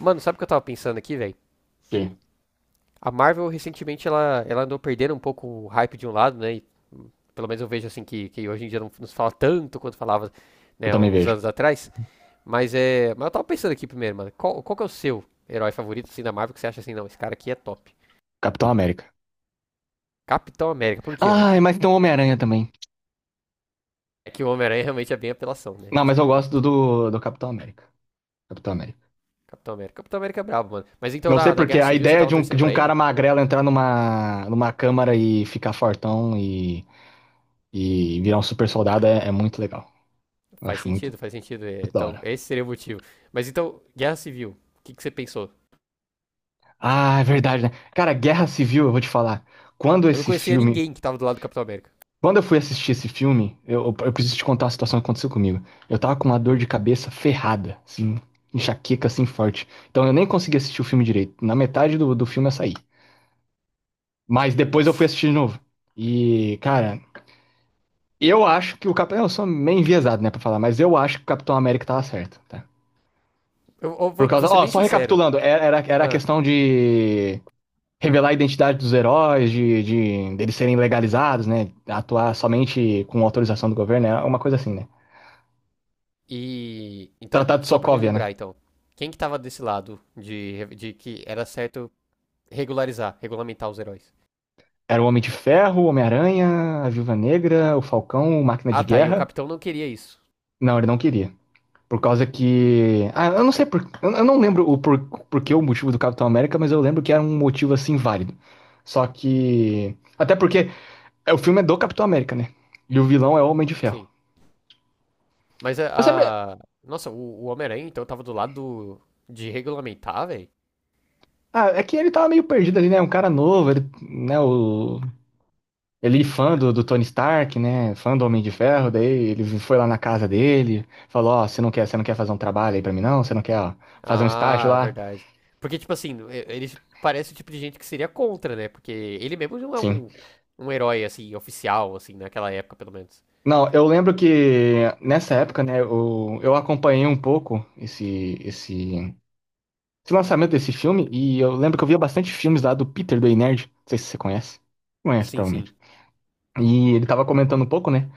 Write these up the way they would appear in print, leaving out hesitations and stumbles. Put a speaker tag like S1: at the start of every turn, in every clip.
S1: Mano, sabe o que eu tava pensando aqui, velho?
S2: Sim,
S1: A Marvel recentemente ela andou perdendo um pouco o hype de um lado, né? Pelo menos eu vejo assim que hoje em dia não nos fala tanto quanto falava,
S2: eu
S1: né,
S2: também
S1: uns
S2: vejo.
S1: anos atrás. Mas é. Mas eu tava pensando aqui primeiro, mano. Qual que é o seu herói favorito assim, da Marvel, que você acha assim, não, esse cara aqui é top?
S2: Capitão América.
S1: Capitão América, por quê, mano?
S2: Ah, mas tem o Homem-Aranha também.
S1: É que o Homem-Aranha realmente é bem apelação, né?
S2: Não, mas eu gosto do Capitão América. Capitão América.
S1: Capitão América. Capitão América é brabo, mano. Mas então
S2: Não sei
S1: na
S2: porque
S1: Guerra
S2: a
S1: Civil você
S2: ideia
S1: tava
S2: de um,
S1: torcendo
S2: de um
S1: pra
S2: cara
S1: ele?
S2: magrelo entrar numa, numa câmara e ficar fortão e virar um super soldado é muito legal. Eu
S1: Faz
S2: acho muito,
S1: sentido, faz sentido.
S2: muito da
S1: Então,
S2: hora.
S1: esse seria o motivo. Mas então, Guerra Civil, o que que você pensou?
S2: Ah, é verdade, né? Cara, Guerra Civil, eu vou te falar. Quando
S1: Eu não
S2: esse
S1: conhecia
S2: filme
S1: ninguém que tava do lado do Capitão América.
S2: Quando eu fui assistir esse filme, eu preciso te contar a situação que aconteceu comigo. Eu tava com uma dor de
S1: Hum.
S2: cabeça ferrada, assim, enxaqueca, assim, forte. Então eu nem consegui assistir o filme direito. Na metade do filme eu saí. Mas depois eu fui
S1: Nossa.
S2: assistir de novo. E, cara, eu acho que o Capitão. Eu sou meio enviesado, né, pra falar, mas eu acho que o Capitão América tava certo, tá?
S1: Eu, eu
S2: Por
S1: vou, vou
S2: causa.
S1: ser
S2: Ó,
S1: bem
S2: só
S1: sincero.
S2: recapitulando, era a
S1: Ah,
S2: questão de revelar a identidade dos heróis, de deles serem legalizados, né? Atuar somente com autorização do governo, é uma coisa assim, né?
S1: Então,
S2: Tratado de
S1: só pra me
S2: Sokovia,
S1: lembrar,
S2: né?
S1: então. Quem que tava desse lado de que era certo regularizar, regulamentar os heróis?
S2: Era o Homem de Ferro, o Homem-Aranha, a Viúva Negra, o Falcão, o Máquina
S1: Ah,
S2: de
S1: tá. E o
S2: Guerra.
S1: Capitão não queria isso.
S2: Não, ele não queria. Por causa que. Ah, eu não sei por. Eu não lembro o por... porquê o motivo do Capitão América, mas eu lembro que era um motivo assim válido. Só que. Até porque é, o filme é do Capitão América, né? E o vilão é o Homem de Ferro.
S1: Sim.
S2: Eu sempre.
S1: Nossa, o Homem-Aranha, então, tava do lado do- de regulamentar, velho?
S2: Ah, é que ele tava meio perdido ali, né? Um cara novo, ele, né? O Ele fã do Tony Stark, né? Fã do Homem de Ferro, daí ele foi lá na casa dele, falou, ó, você não quer fazer um trabalho aí pra mim, não? Você não quer, ó, fazer um estágio
S1: Ah,
S2: lá?
S1: verdade. Porque, tipo assim, ele parece o tipo de gente que seria contra, né? Porque ele mesmo não é
S2: Sim.
S1: um, um herói, assim, oficial, assim, naquela época, pelo menos.
S2: Não, eu lembro que nessa época, né, eu acompanhei um pouco esse, esse lançamento desse filme, e eu lembro que eu via bastante filmes lá do Peter, do Ei Nerd. Não sei se você conhece. Conhece,
S1: Sim,
S2: provavelmente.
S1: sim.
S2: E ele tava comentando um pouco, né?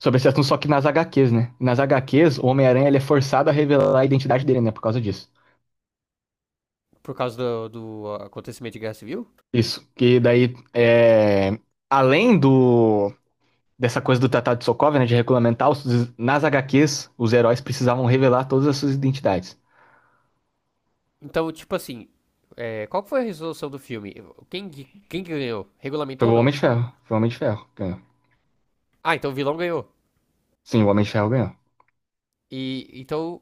S2: Sobre esse assunto, só que nas HQs, né? Nas HQs, o Homem-Aranha ele é forçado a revelar a identidade dele, né? Por causa disso.
S1: Por causa do acontecimento de Guerra Civil.
S2: Isso, que daí, é, além do dessa coisa do Tratado de Sokovia, né, de regulamentar, nas HQs, os heróis precisavam revelar todas as suas identidades.
S1: Então, tipo assim, é, qual que foi a resolução do filme? Quem, quem que ganhou?
S2: Foi
S1: Regulamentou ou
S2: o
S1: não?
S2: Homem de Ferro, foi o Homem de Ferro que ganhou.
S1: Ah, então o vilão ganhou.
S2: Sim, o Homem de Ferro ganhou.
S1: E, então,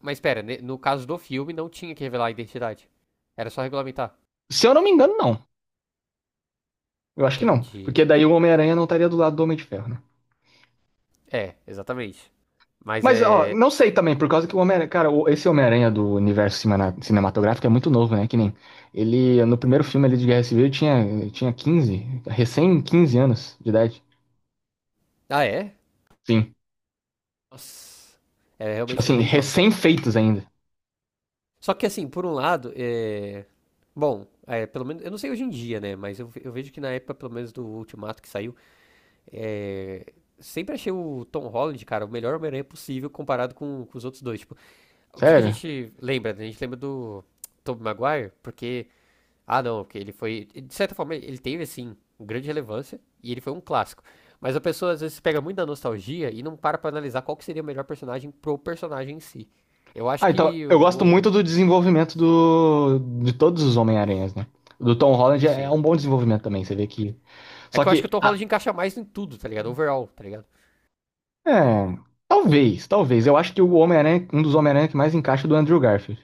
S1: mas pera, no caso do filme não tinha que revelar a identidade. Era só regulamentar.
S2: Se eu não me engano, não. Eu acho que não,
S1: Entendi.
S2: porque daí o Homem-Aranha não estaria do lado do Homem de Ferro, né?
S1: É, exatamente. Mas
S2: Mas, ó,
S1: é.
S2: não sei também, por causa que o Homem-Aranha, cara, esse Homem-Aranha do universo cinematográfico é muito novo, né? Que nem ele, no primeiro filme ali de Guerra Civil, ele tinha 15 recém 15 anos de idade.
S1: Ah, é?
S2: Sim.
S1: Nossa. É,
S2: Tipo
S1: realmente era
S2: assim,
S1: bem jovem.
S2: recém-feitos ainda.
S1: Só que assim, por um lado, é... Bom, é, pelo menos, eu não sei hoje em dia, né? Mas eu, eu vejo que na época, pelo menos do Ultimato que saiu, é, sempre achei o Tom Holland, cara, o melhor Homem-Aranha possível comparado com os outros dois. Tipo, o que que a
S2: Sério?
S1: gente lembra? Né? A gente lembra do Tobey Maguire, porque... Ah, não, porque ele foi. De certa forma, ele teve, assim, um grande relevância e ele foi um clássico. Mas a pessoa às vezes pega muito da nostalgia e não para pra analisar qual que seria o melhor personagem pro personagem em si. Eu acho
S2: Ah, então,
S1: que
S2: eu gosto muito do desenvolvimento de todos os Homem-Aranhas, né? O Do Tom Holland é
S1: Sim.
S2: um bom desenvolvimento também, você vê que.
S1: É
S2: Só
S1: que eu acho que o
S2: que.
S1: Tom Holland encaixa mais em tudo, tá ligado? Overall, tá ligado?
S2: É. Talvez, talvez. Eu acho que o Homem-Aranha, um dos Homem-Aranha que mais encaixa é o do Andrew Garfield.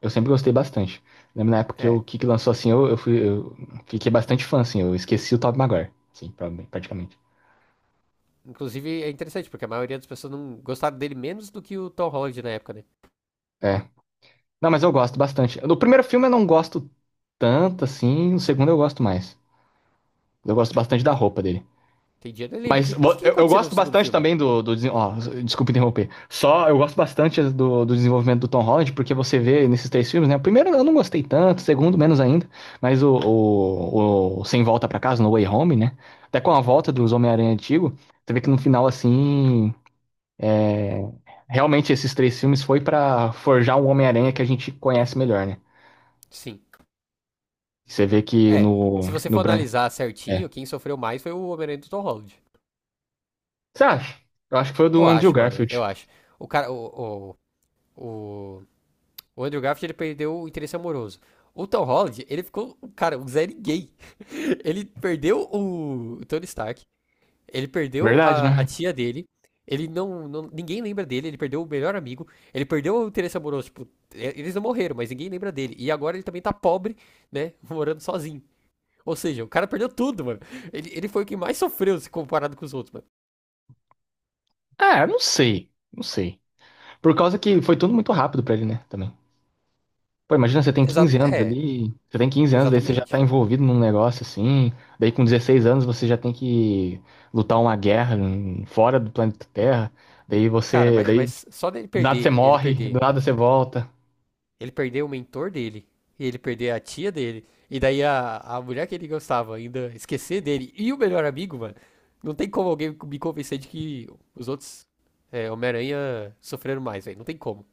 S2: Eu sempre gostei bastante. Lembro na época que
S1: É.
S2: o Kiki lançou assim, eu fiquei bastante fã, assim. Eu esqueci o Tobey Maguire, assim, praticamente.
S1: Inclusive é interessante, porque a maioria das pessoas não gostaram dele menos do que o Tom Holland na época, né?
S2: É. Não, mas eu gosto bastante. No primeiro filme eu não gosto tanto, assim. No segundo eu gosto mais. Eu gosto bastante da roupa dele.
S1: Tem dia, eu nem lembro. O
S2: Mas
S1: que, que, que
S2: eu
S1: aconteceu no
S2: gosto
S1: segundo
S2: bastante
S1: filme?
S2: também ó, desculpa interromper. Só eu gosto bastante do desenvolvimento do Tom Holland, porque você vê nesses três filmes, né? O primeiro eu não gostei tanto, o segundo menos ainda, mas o Sem Volta pra Casa, No Way Home, né? Até com a volta dos Homem-Aranha antigo, você vê que no final, assim, realmente esses três filmes foi pra forjar um Homem-Aranha que a gente conhece melhor, né?
S1: Sim.
S2: Você vê que
S1: É. Se
S2: no,
S1: você
S2: no
S1: for
S2: Bran...
S1: analisar certinho,
S2: É.
S1: quem sofreu mais foi o Homem-Aranha do Tom Holland.
S2: Você acha? Eu acho que foi o
S1: Eu
S2: do Andrew
S1: acho, mano, eu
S2: Garfield.
S1: acho. O cara, o, o, o Andrew Garfield, ele perdeu o interesse amoroso. O Tom Holland, ele ficou, cara, o zé gay. Ele perdeu o Tony Stark, ele perdeu
S2: Verdade,
S1: a
S2: né?
S1: tia dele, ele ninguém lembra dele, ele perdeu o melhor amigo, ele perdeu o interesse amoroso, tipo, eles não morreram, mas ninguém lembra dele. E agora ele também tá pobre, né, morando sozinho. Ou seja, o cara perdeu tudo, mano. Ele foi o que mais sofreu se comparado com os outros, mano.
S2: Ah, eu não sei. Não sei. Por causa que foi tudo muito rápido pra ele, né? Também. Pô, imagina, você tem
S1: Exa
S2: 15 anos
S1: é,
S2: ali, você tem 15 anos, daí você já
S1: exatamente,
S2: tá
S1: mano.
S2: envolvido num negócio assim, daí com 16 anos você já tem que lutar uma guerra fora do planeta Terra, daí
S1: Cara,
S2: você,
S1: mas,
S2: daí
S1: mas só dele
S2: do nada você
S1: perder,
S2: morre, do nada você volta.
S1: ele perder o mentor dele, e ele perder a tia dele, e daí a mulher que ele gostava ainda esquecer dele e o melhor amigo, mano. Não tem como alguém me convencer de que os outros Homem-Aranha sofreram mais, velho. Não tem como.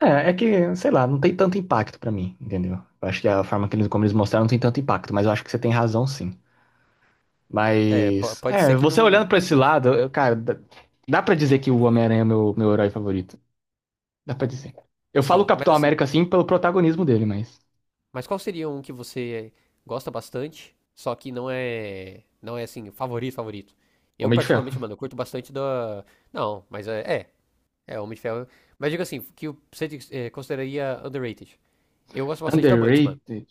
S2: É, é que, sei lá, não tem tanto impacto pra mim, entendeu? Eu acho que a forma que eles, como eles mostraram não tem tanto impacto, mas eu acho que você tem razão sim.
S1: É,
S2: Mas,
S1: pode
S2: é,
S1: ser que
S2: você olhando
S1: não.
S2: pra esse lado, cara, dá pra dizer que o Homem-Aranha é meu, herói favorito. Dá pra dizer. Eu falo
S1: Sim, mas
S2: Capitão
S1: assim,
S2: América assim pelo protagonismo dele, mas.
S1: mas qual seria um que você gosta bastante, só que não é. Não é assim, favorito, favorito? Eu,
S2: Homem de
S1: particularmente,
S2: Ferro.
S1: mano, eu curto bastante da. Não, é, Homem de Ferro. Mas digo assim, que você consideraria underrated. Eu gosto bastante da Mantis, mano.
S2: Underrated.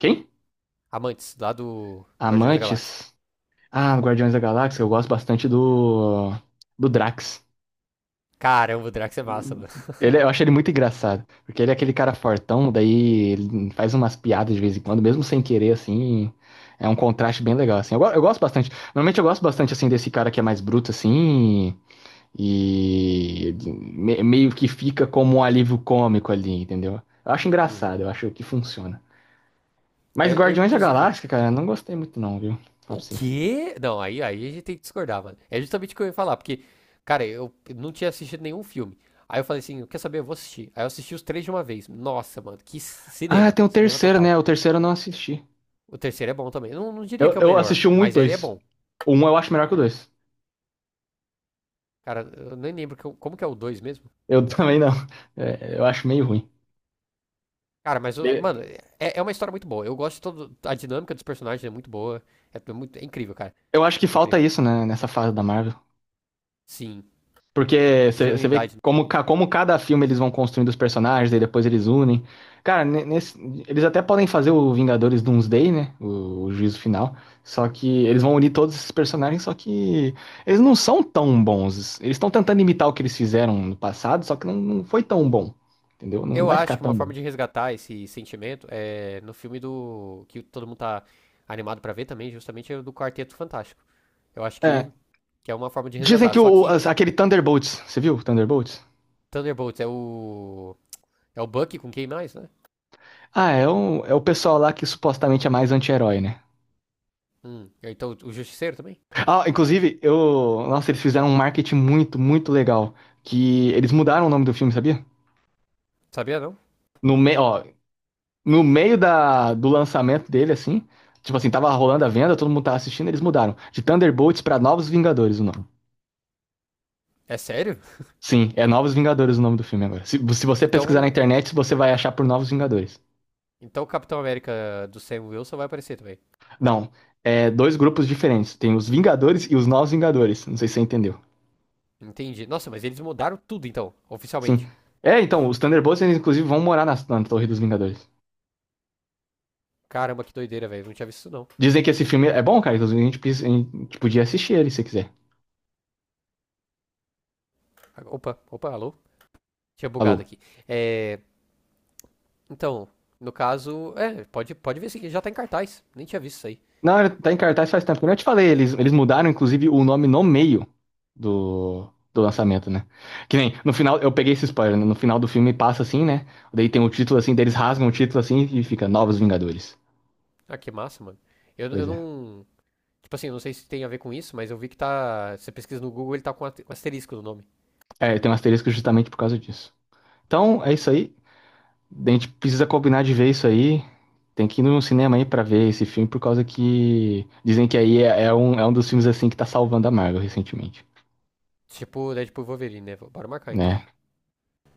S2: Quem?
S1: Amantes, lá do Guardiões da Galáxia.
S2: Amantes. Ah, Guardiões da Galáxia, eu gosto bastante do Drax.
S1: Caramba, o Drax é massa, mano.
S2: Ele, eu acho ele muito engraçado, porque ele é aquele cara fortão, daí ele faz umas piadas de vez em quando, mesmo sem querer, assim, é um contraste bem legal, assim. Eu gosto bastante, normalmente eu gosto bastante, assim, desse cara que é mais bruto, assim, E meio que fica como um alívio cômico ali, entendeu? Eu acho engraçado,
S1: Uhum.
S2: eu acho que funciona. Mas Guardiões da
S1: Inclusive.
S2: Galáxia, cara, eu não gostei muito não, viu? Fala pra
S1: O
S2: você.
S1: quê? Não, aí a gente tem que discordar, mano. É justamente o que eu ia falar, porque, cara, eu não tinha assistido nenhum filme. Aí eu falei assim, quer saber? Eu vou assistir. Aí eu assisti os três de uma vez. Nossa, mano, que
S2: Ah,
S1: cinema.
S2: tem o
S1: Cinema
S2: terceiro,
S1: total.
S2: né? O terceiro eu não assisti.
S1: O terceiro é bom também. Eu não diria que
S2: Eu,
S1: é o
S2: eu
S1: melhor,
S2: assisti o um e o
S1: mas ele é
S2: dois.
S1: bom.
S2: O um eu acho melhor que o dois.
S1: Cara, eu nem lembro que como que é o dois mesmo.
S2: Eu também não. É, eu acho meio ruim.
S1: Cara, mano, é uma história muito boa. Eu gosto de todo. A dinâmica dos personagens é muito boa. É, muito, é incrível, cara.
S2: Eu acho que
S1: É
S2: falta
S1: incrível.
S2: isso, né, nessa fase da Marvel.
S1: Sim,
S2: Porque você vê
S1: genuinidade.
S2: como, como cada filme eles vão construindo os personagens, aí depois eles unem. Cara, eles até podem fazer o Vingadores Doomsday, né? O juízo final. Só que eles vão unir todos esses personagens, só que eles não são tão bons. Eles estão tentando imitar o que eles fizeram no passado, só que não foi tão bom. Entendeu? Não
S1: Eu
S2: vai
S1: acho
S2: ficar
S1: que uma
S2: tão bom.
S1: forma de resgatar esse sentimento é no filme do. Que todo mundo tá animado pra ver também, justamente é o do Quarteto Fantástico. Eu acho
S2: É,
S1: que é uma forma de
S2: dizem
S1: resgatar.
S2: que
S1: Só que
S2: aquele Thunderbolts, você viu o Thunderbolts?
S1: Thunderbolts é o. É o Bucky com quem mais, né?
S2: Ah, é o pessoal lá que supostamente é mais anti-herói, né?
S1: É, então o Justiceiro também?
S2: Ah, inclusive, eu. Nossa, eles fizeram um marketing muito, muito legal. Que eles mudaram o nome do filme, sabia?
S1: Sabia não?
S2: No meio, ó, no meio do lançamento dele, assim. Tipo assim, tava rolando a venda, todo mundo tava assistindo, eles mudaram. De Thunderbolts pra Novos Vingadores o nome.
S1: É sério?
S2: Sim, é Novos Vingadores o nome do filme agora. Se você pesquisar na
S1: Então.
S2: internet, você vai achar por Novos Vingadores.
S1: Então o Capitão América do Sam Wilson vai aparecer também.
S2: Não, é dois grupos diferentes. Tem os Vingadores e os Novos Vingadores. Não sei se você entendeu.
S1: Entendi. Nossa, mas eles mudaram tudo então,
S2: Sim.
S1: oficialmente.
S2: É, então, os Thunderbolts, eles, inclusive, vão morar na Torre dos Vingadores.
S1: Caramba, que doideira, velho. Não tinha visto isso não.
S2: Dizem que esse filme é bom, cara. Inclusive, a gente podia assistir ele se quiser.
S1: Opa, opa, alô? Tinha bugado
S2: Alô?
S1: aqui. É. Então, no caso. É, pode, pode ver sim, já tá em cartaz. Nem tinha visto isso aí.
S2: Não, ele tá em cartaz faz tempo. Como eu te falei, eles mudaram, inclusive, o nome no meio do, do lançamento, né? Que nem, no final, eu peguei esse spoiler, né? No final do filme passa assim, né? Daí tem o título assim, daí eles rasgam o título assim e fica Novos Vingadores.
S1: Ah, que massa, mano. Eu
S2: Pois é.
S1: não. Tipo assim, não sei se tem a ver com isso, mas eu vi que tá. Você pesquisa no Google, ele tá com asterisco no nome.
S2: É, tem um asterisco justamente por causa disso. Então, é isso aí. A gente precisa combinar de ver isso aí. Tem que ir no cinema aí pra ver esse filme, por causa que dizem que aí é um dos filmes assim que tá salvando a Marvel recentemente,
S1: Tipo, Deadpool e Wolverine, né? Bora marcar então.
S2: né?